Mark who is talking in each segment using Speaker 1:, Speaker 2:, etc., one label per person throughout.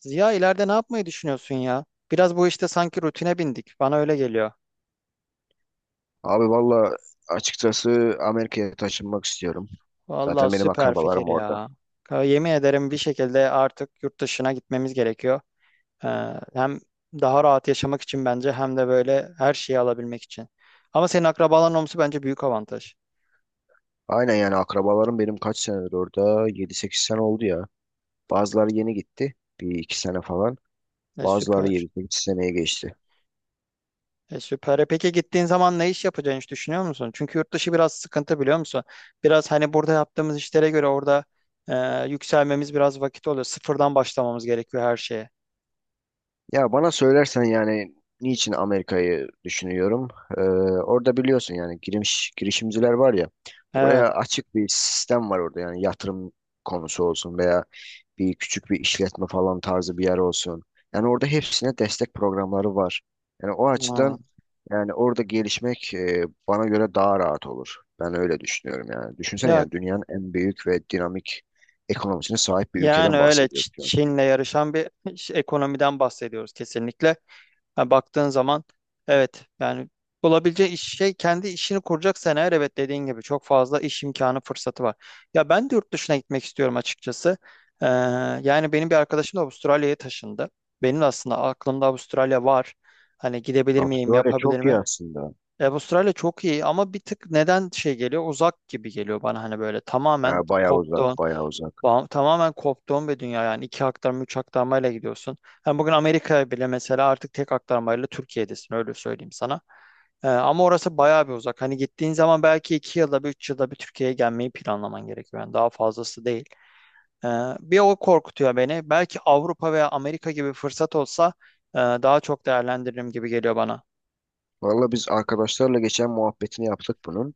Speaker 1: Ziya ileride ne yapmayı düşünüyorsun ya? Biraz bu işte sanki rutine bindik. Bana öyle geliyor.
Speaker 2: Abi valla açıkçası Amerika'ya taşınmak istiyorum.
Speaker 1: Vallahi
Speaker 2: Zaten benim
Speaker 1: süper fikir
Speaker 2: akrabalarım orada.
Speaker 1: ya. Yemin ederim bir şekilde artık yurt dışına gitmemiz gerekiyor. Ee, hem daha rahat yaşamak için bence hem de böyle her şeyi alabilmek için. Ama senin akrabaların olması bence büyük avantaj.
Speaker 2: Aynen yani akrabalarım benim kaç senedir orada? 7-8 sene oldu ya. Bazıları yeni gitti. Bir iki sene falan.
Speaker 1: E
Speaker 2: Bazıları
Speaker 1: süper.
Speaker 2: 7-8 seneye geçti.
Speaker 1: E süper. E peki gittiğin zaman ne iş yapacağını hiç düşünüyor musun? Çünkü yurt dışı biraz sıkıntı biliyor musun? Biraz hani burada yaptığımız işlere göre orada yükselmemiz biraz vakit oluyor. Sıfırdan başlamamız gerekiyor her şeye.
Speaker 2: Ya bana söylersen yani niçin Amerika'yı düşünüyorum? Ee, orada biliyorsun yani girişimciler var ya.
Speaker 1: Evet.
Speaker 2: Oraya açık bir sistem var orada yani yatırım konusu olsun veya bir küçük bir işletme falan tarzı bir yer olsun. Yani orada hepsine destek programları var. Yani o
Speaker 1: Ha.
Speaker 2: açıdan yani orada gelişmek bana göre daha rahat olur. Ben öyle düşünüyorum yani. Düşünsene
Speaker 1: Ya
Speaker 2: yani dünyanın en büyük ve dinamik ekonomisine sahip bir
Speaker 1: yani
Speaker 2: ülkeden
Speaker 1: öyle
Speaker 2: bahsediyoruz şu an.
Speaker 1: Çin'le yarışan bir ekonomiden bahsediyoruz kesinlikle. Ha, baktığın zaman evet yani bulabileceği iş, şey kendi işini kuracaksan eğer evet dediğin gibi çok fazla iş imkanı fırsatı var. Ya ben de yurt dışına gitmek istiyorum açıkçası. Ee, yani benim bir arkadaşım da Avustralya'ya taşındı. Benim de aslında aklımda Avustralya var. Hani gidebilir miyim,
Speaker 2: Avustralya
Speaker 1: yapabilir
Speaker 2: çok iyi
Speaker 1: mi?
Speaker 2: aslında.
Speaker 1: E, Avustralya çok iyi ama bir tık neden şey geliyor? Uzak gibi geliyor bana hani böyle tamamen
Speaker 2: Yani bayağı uzak,
Speaker 1: koptu.
Speaker 2: bayağı uzak.
Speaker 1: Tamamen koptuğum bir dünya yani iki aktarma üç aktarmayla gidiyorsun. Hem bugün Amerika'ya bile mesela artık tek aktarmayla Türkiye'desin öyle söyleyeyim sana. Ama orası bayağı bir uzak. Hani gittiğin zaman belki 2 yılda bir 3 yılda bir Türkiye'ye gelmeyi planlaman gerekiyor. Yani daha fazlası değil. Ee, bir o korkutuyor beni. Belki Avrupa veya Amerika gibi fırsat olsa daha çok değerlendiririm gibi geliyor bana.
Speaker 2: Valla biz arkadaşlarla geçen muhabbetini yaptık bunun.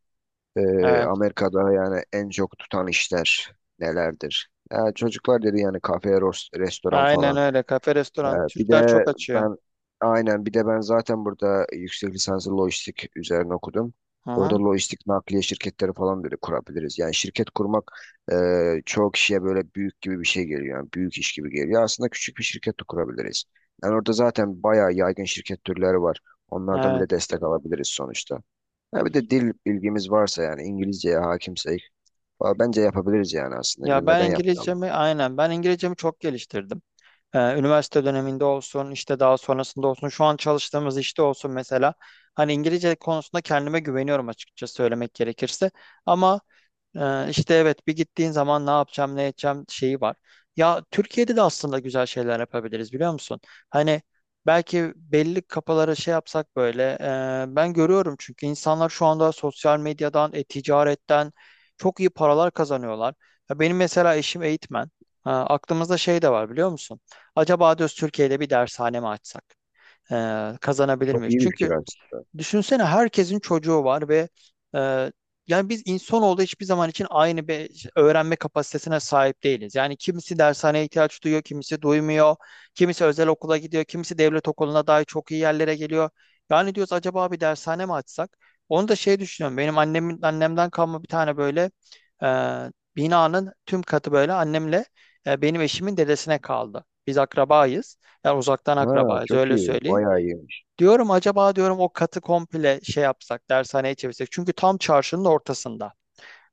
Speaker 1: Evet.
Speaker 2: Amerika'da yani en çok tutan işler nelerdir? Ya çocuklar dedi yani kafe, restoran
Speaker 1: Aynen
Speaker 2: falan.
Speaker 1: öyle. Kafe,
Speaker 2: Ee,
Speaker 1: restoran.
Speaker 2: bir
Speaker 1: Türkler
Speaker 2: de
Speaker 1: çok açıyor.
Speaker 2: ben aynen bir de ben zaten burada yüksek lisansı lojistik üzerine okudum.
Speaker 1: Hı
Speaker 2: Orada
Speaker 1: hı.
Speaker 2: lojistik nakliye şirketleri falan böyle kurabiliriz. Yani şirket kurmak e, çoğu kişiye böyle büyük gibi bir şey geliyor. Yani büyük iş gibi geliyor. Aslında küçük bir şirket de kurabiliriz. Yani orada zaten bayağı yaygın şirket türleri var. Onlardan
Speaker 1: Evet.
Speaker 2: bile destek alabiliriz sonuçta. Ha bir de dil bilgimiz varsa yani İngilizceye hakimsek valla bence yapabiliriz yani aslında.
Speaker 1: Ya
Speaker 2: Neden yapmayalım?
Speaker 1: Ben İngilizcemi çok geliştirdim. Üniversite döneminde olsun, işte daha sonrasında olsun, şu an çalıştığımız işte olsun mesela. Hani İngilizce konusunda kendime güveniyorum açıkça söylemek gerekirse. Ama işte evet bir gittiğin zaman ne yapacağım ne edeceğim şeyi var. Ya Türkiye'de de aslında güzel şeyler yapabiliriz biliyor musun? Hani belki belli kafalara şey yapsak böyle ben görüyorum çünkü insanlar şu anda sosyal medyadan, e-ticaretten çok iyi paralar kazanıyorlar. Ya benim mesela eşim eğitmen. Ha, aklımızda şey de var biliyor musun? Acaba diyoruz Türkiye'de bir dershane mi açsak? Kazanabilir
Speaker 2: Çok
Speaker 1: miyiz?
Speaker 2: iyi bir fikir
Speaker 1: Çünkü
Speaker 2: aslında.
Speaker 1: düşünsene herkesin çocuğu var ve e, yani biz insanoğlu hiçbir zaman için aynı bir öğrenme kapasitesine sahip değiliz. Yani kimisi dershaneye ihtiyaç duyuyor, kimisi duymuyor, kimisi özel okula gidiyor, kimisi devlet okuluna dahi çok iyi yerlere geliyor. Yani diyoruz acaba bir dershane mi açsak? Onu da şey düşünüyorum. Benim annemin annemden kalma bir tane böyle e, binanın tüm katı böyle annemle benim eşimin dedesine kaldı. Biz akrabayız. Yani uzaktan
Speaker 2: Ha
Speaker 1: akrabayız
Speaker 2: çok
Speaker 1: öyle
Speaker 2: iyi.
Speaker 1: söyleyeyim.
Speaker 2: Bayağı iyi.
Speaker 1: Diyorum acaba diyorum o katı komple şey yapsak, dershaneye çevirsek. Çünkü tam çarşının ortasında.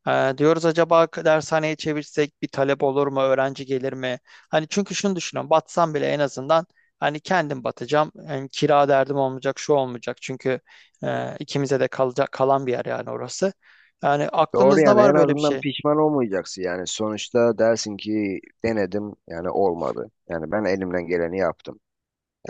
Speaker 1: Diyoruz acaba dershaneye çevirsek bir talep olur mu, öğrenci gelir mi? Hani çünkü şunu düşünüyorum, batsam bile en azından hani kendim batacağım. Yani kira derdim olmayacak, şu olmayacak. Çünkü ikimize de kalacak kalan bir yer yani orası. Yani
Speaker 2: Doğru
Speaker 1: aklımızda
Speaker 2: yani
Speaker 1: var
Speaker 2: en
Speaker 1: böyle bir
Speaker 2: azından
Speaker 1: şey.
Speaker 2: pişman olmayacaksın yani sonuçta dersin ki denedim yani olmadı. Yani ben elimden geleni yaptım.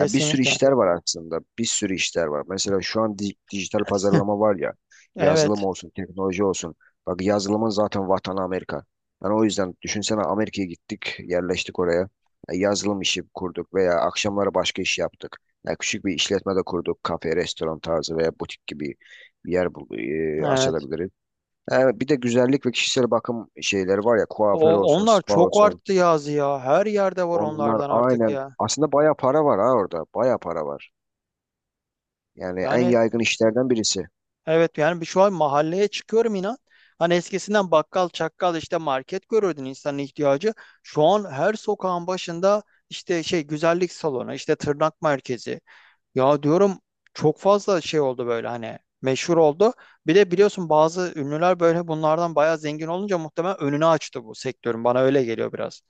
Speaker 2: Ya bir sürü işler var aslında bir sürü işler var. Mesela şu an dijital pazarlama var ya yazılım
Speaker 1: Evet,
Speaker 2: olsun teknoloji olsun. Bak yazılımın zaten vatanı Amerika. Yani o yüzden düşünsene Amerika'ya gittik yerleştik oraya. Ya yazılım işi kurduk veya akşamları başka iş yaptık. Ya küçük bir işletme de kurduk kafe restoran tarzı veya butik gibi bir yer
Speaker 1: evet.
Speaker 2: açabiliriz. Bir de güzellik ve kişisel bakım şeyleri var ya kuaför
Speaker 1: O
Speaker 2: olsun,
Speaker 1: onlar
Speaker 2: spa
Speaker 1: çok
Speaker 2: olsun.
Speaker 1: arttı yazı ya. Her yerde var
Speaker 2: Onlar
Speaker 1: onlardan artık
Speaker 2: aynen
Speaker 1: ya.
Speaker 2: aslında baya para var ha orada. Baya para var. Yani en
Speaker 1: Yani
Speaker 2: yaygın işlerden birisi.
Speaker 1: evet yani şu an mahalleye çıkıyorum inan. Hani eskisinden bakkal, çakkal işte market görürdün insanın ihtiyacı. Şu an her sokağın başında işte şey güzellik salonu, işte tırnak merkezi. Ya diyorum çok fazla şey oldu böyle hani meşhur oldu. Bir de biliyorsun bazı ünlüler böyle bunlardan bayağı zengin olunca muhtemelen önünü açtı bu sektörün. Bana öyle geliyor biraz.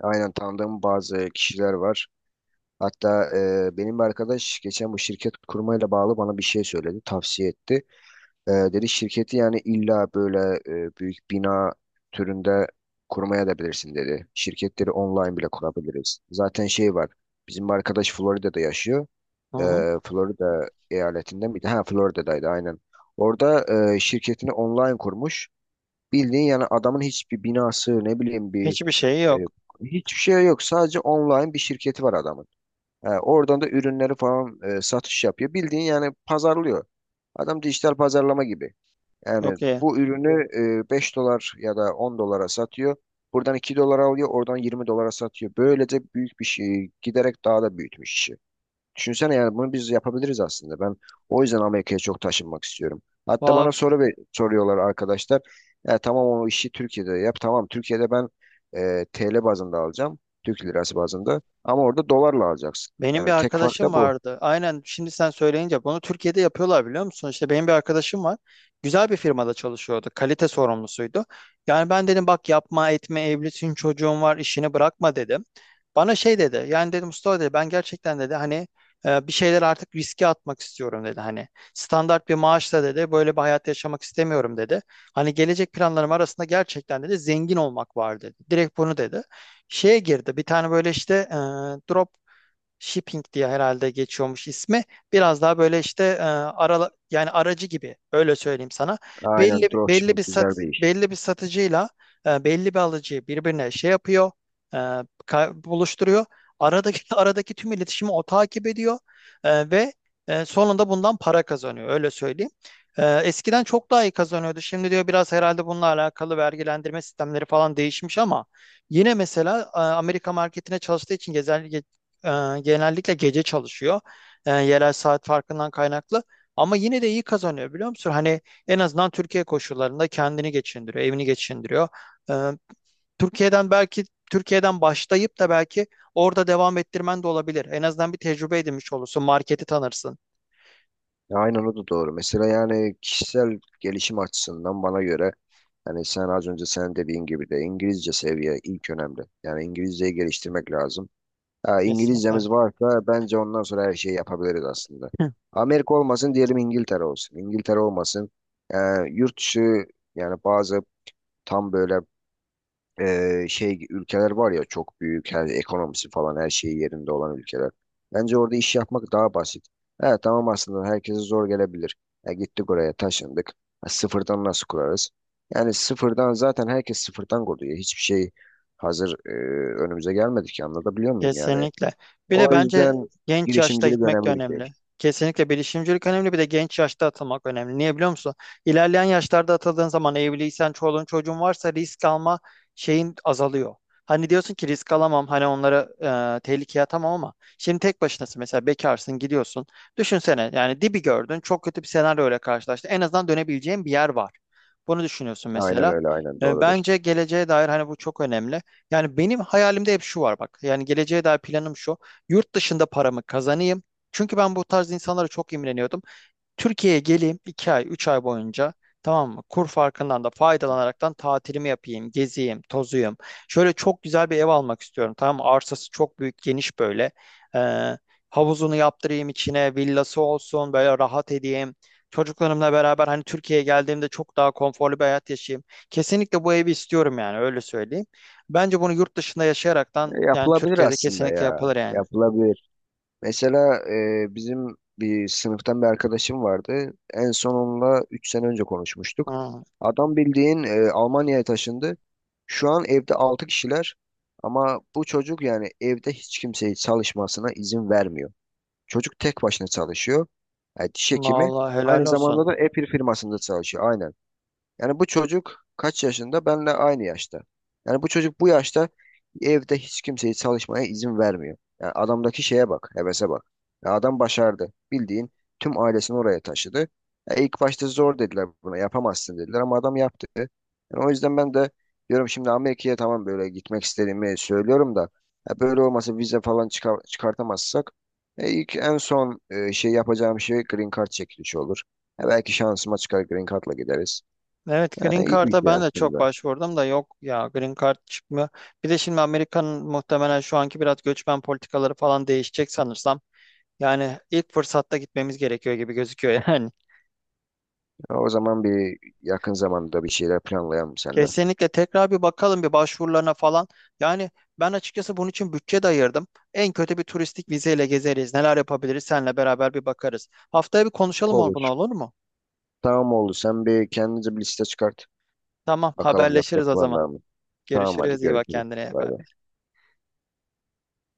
Speaker 2: Aynen tanıdığım bazı kişiler var. Hatta benim bir arkadaş geçen bu şirket kurmayla bağlı bana bir şey söyledi, tavsiye etti. Dedi şirketi yani illa böyle büyük bina türünde kurmaya da bilirsin dedi. Şirketleri online bile kurabiliriz. Zaten şey var. Bizim bir arkadaş Florida'da yaşıyor.
Speaker 1: Hı
Speaker 2: e,
Speaker 1: hı.
Speaker 2: Florida eyaletinde miydi? Ha Florida'daydı aynen. Orada şirketini online kurmuş. Bildiğin yani adamın hiçbir binası ne bileyim
Speaker 1: Hiçbir şeyi
Speaker 2: e,
Speaker 1: yok.
Speaker 2: hiçbir şey yok. Sadece online bir şirketi var adamın. Oradan da ürünleri falan satış yapıyor. Bildiğin yani pazarlıyor. Adam dijital pazarlama gibi. Yani
Speaker 1: Çok iyi.
Speaker 2: bu ürünü 5 dolar ya da 10 dolara satıyor. Buradan 2 dolara alıyor, oradan 20 dolara satıyor. Böylece büyük bir şey giderek daha da büyütmüş işi. Düşünsene yani bunu biz yapabiliriz aslında. Ben o yüzden Amerika'ya çok taşınmak istiyorum. Hatta
Speaker 1: Valla,
Speaker 2: bana soruyorlar arkadaşlar. Ya tamam o işi Türkiye'de yap. Tamam Türkiye'de ben TL bazında alacağım. Türk lirası bazında. Ama orada dolarla alacaksın.
Speaker 1: benim bir
Speaker 2: Yani tek fark
Speaker 1: arkadaşım
Speaker 2: da bu.
Speaker 1: vardı. Aynen şimdi sen söyleyince bunu Türkiye'de yapıyorlar biliyor musun? İşte benim bir arkadaşım var. Güzel bir firmada çalışıyordu. Kalite sorumlusuydu. Yani ben dedim bak yapma etme evlisin çocuğun var işini bırakma dedim. Bana şey dedi. Yani dedim Mustafa dedi ben gerçekten dedi hani bir şeyler artık riske atmak istiyorum dedi. Hani standart bir maaşla dedi böyle bir hayat yaşamak istemiyorum dedi. Hani gelecek planlarım arasında gerçekten dedi zengin olmak var dedi. Direkt bunu dedi şeye girdi. Bir tane böyle işte drop Shipping diye herhalde geçiyormuş ismi. Biraz daha böyle işte yani aracı gibi öyle söyleyeyim sana.
Speaker 2: Aynen
Speaker 1: Belli
Speaker 2: dropshipping güzel bir iş.
Speaker 1: Belli bir satıcıyla belli bir alıcıyı birbirine şey yapıyor, e, buluşturuyor. Aradaki aradaki tüm iletişimi o takip ediyor ve sonunda bundan para kazanıyor öyle söyleyeyim. E, eskiden çok daha iyi kazanıyordu. Şimdi diyor biraz herhalde bununla alakalı vergilendirme sistemleri falan değişmiş ama yine mesela Amerika marketine çalıştığı için gezer, ee, genellikle gece çalışıyor. Yerel saat farkından kaynaklı. Ama yine de iyi kazanıyor biliyor musun? Hani en azından Türkiye koşullarında kendini geçindiriyor, evini geçindiriyor. Ee, Türkiye'den belki Türkiye'den başlayıp da belki orada devam ettirmen de olabilir. En azından bir tecrübe edinmiş olursun, marketi tanırsın.
Speaker 2: Ya aynen o da doğru. Mesela yani kişisel gelişim açısından bana göre hani sen az önce sen dediğin gibi de İngilizce seviye ilk önemli. Yani İngilizceyi geliştirmek lazım. Ya
Speaker 1: Kesinlikle.
Speaker 2: İngilizcemiz varsa bence ondan sonra her şeyi yapabiliriz aslında. Amerika olmasın diyelim İngiltere olsun. İngiltere olmasın. Ee, yurt dışı yani bazı tam böyle şey ülkeler var ya çok büyük her ekonomisi falan her şeyi yerinde olan ülkeler. Bence orada iş yapmak daha basit. Evet tamam aslında herkese zor gelebilir. Ya gittik oraya taşındık. Ha, sıfırdan nasıl kurarız? Yani sıfırdan zaten herkes sıfırdan kuruyor. Hiçbir şey hazır önümüze gelmedi ki anlatabiliyor muyum yani?
Speaker 1: Kesinlikle. Bir de
Speaker 2: O
Speaker 1: bence
Speaker 2: yüzden
Speaker 1: genç yaşta
Speaker 2: girişimcilik
Speaker 1: gitmek de
Speaker 2: önemli bir şey.
Speaker 1: önemli. Kesinlikle bilişimcilik önemli bir de genç yaşta atılmak önemli. Niye biliyor musun? İlerleyen yaşlarda atıldığın zaman evliysen, çoluğun çocuğun varsa risk alma şeyin azalıyor. Hani diyorsun ki risk alamam, hani onları tehlikeye atamam ama şimdi tek başınasın mesela bekarsın gidiyorsun. Düşünsene yani dibi gördün çok kötü bir senaryo ile karşılaştın. En azından dönebileceğin bir yer var. Bunu düşünüyorsun
Speaker 2: Aynen
Speaker 1: mesela.
Speaker 2: öyle, aynen
Speaker 1: E,
Speaker 2: doğrudur.
Speaker 1: bence geleceğe dair hani bu çok önemli. Yani benim hayalimde hep şu var bak. Yani geleceğe dair planım şu. Yurt dışında paramı kazanayım. Çünkü ben bu tarz insanlara çok imreniyordum. Türkiye'ye geleyim 2 ay 3 ay boyunca tamam mı? Kur farkından da faydalanaraktan tatilimi yapayım, geziyim, tozuyum. Şöyle çok güzel bir ev almak istiyorum tamam mı? Arsası çok büyük, geniş böyle. Ee, havuzunu yaptırayım içine, villası olsun, böyle rahat edeyim. Çocuklarımla beraber hani Türkiye'ye geldiğimde çok daha konforlu bir hayat yaşayayım. Kesinlikle bu evi istiyorum yani öyle söyleyeyim. Bence bunu yurt dışında
Speaker 2: Ya,
Speaker 1: yaşayaraktan yani
Speaker 2: yapılabilir
Speaker 1: Türkiye'de
Speaker 2: aslında
Speaker 1: kesinlikle
Speaker 2: ya.
Speaker 1: yapılır yani.
Speaker 2: Yapılabilir. Mesela bizim bir sınıftan bir arkadaşım vardı. En son onunla 3 sene önce konuşmuştuk.
Speaker 1: Hı,
Speaker 2: Adam bildiğin Almanya'ya taşındı. Şu an evde 6 kişiler ama bu çocuk yani evde hiç kimseyi çalışmasına izin vermiyor. Çocuk tek başına çalışıyor. Yani diş hekimi.
Speaker 1: vallahi helal
Speaker 2: Aynı
Speaker 1: olsun.
Speaker 2: zamanda da Apple firmasında çalışıyor. Aynen. Yani bu çocuk kaç yaşında? Benle aynı yaşta. Yani bu çocuk bu yaşta evde hiç kimseyi çalışmaya izin vermiyor. Yani adamdaki şeye bak, hevese bak. Ya adam başardı. Bildiğin tüm ailesini oraya taşıdı. Ya ilk başta zor dediler buna, yapamazsın dediler ama adam yaptı. Yani o yüzden ben de diyorum şimdi Amerika'ya tamam böyle gitmek istediğimi söylüyorum da ya böyle olmasa vize falan çıkar, çıkartamazsak ilk en son şey yapacağım şey green card çekilişi olur. Ya belki şansıma çıkar green card'la gideriz.
Speaker 1: Evet,
Speaker 2: Ha,
Speaker 1: Green
Speaker 2: iyi bir
Speaker 1: Card'a
Speaker 2: şey
Speaker 1: ben de çok
Speaker 2: aslında.
Speaker 1: başvurdum da yok ya Green Card çıkmıyor. Bir de şimdi Amerika'nın muhtemelen şu anki biraz göçmen politikaları falan değişecek sanırsam. Yani ilk fırsatta gitmemiz gerekiyor gibi gözüküyor yani.
Speaker 2: Ha, o zaman bir yakın zamanda bir şeyler planlayalım seninle.
Speaker 1: Kesinlikle tekrar bir bakalım bir başvurularına falan. Yani ben açıkçası bunun için bütçe de ayırdım. En kötü bir turistik vizeyle gezeriz. Neler yapabiliriz seninle beraber bir bakarız. Haftaya bir konuşalım bunu
Speaker 2: Olur.
Speaker 1: olur mu?
Speaker 2: Tamam oldu. Sen bir kendinize bir liste çıkart.
Speaker 1: Tamam
Speaker 2: Bakalım
Speaker 1: haberleşiriz
Speaker 2: yapacak
Speaker 1: o zaman.
Speaker 2: planlar mı? Tamam hadi
Speaker 1: Görüşürüz iyi bak
Speaker 2: görüşürüz.
Speaker 1: kendine.
Speaker 2: Bay bay.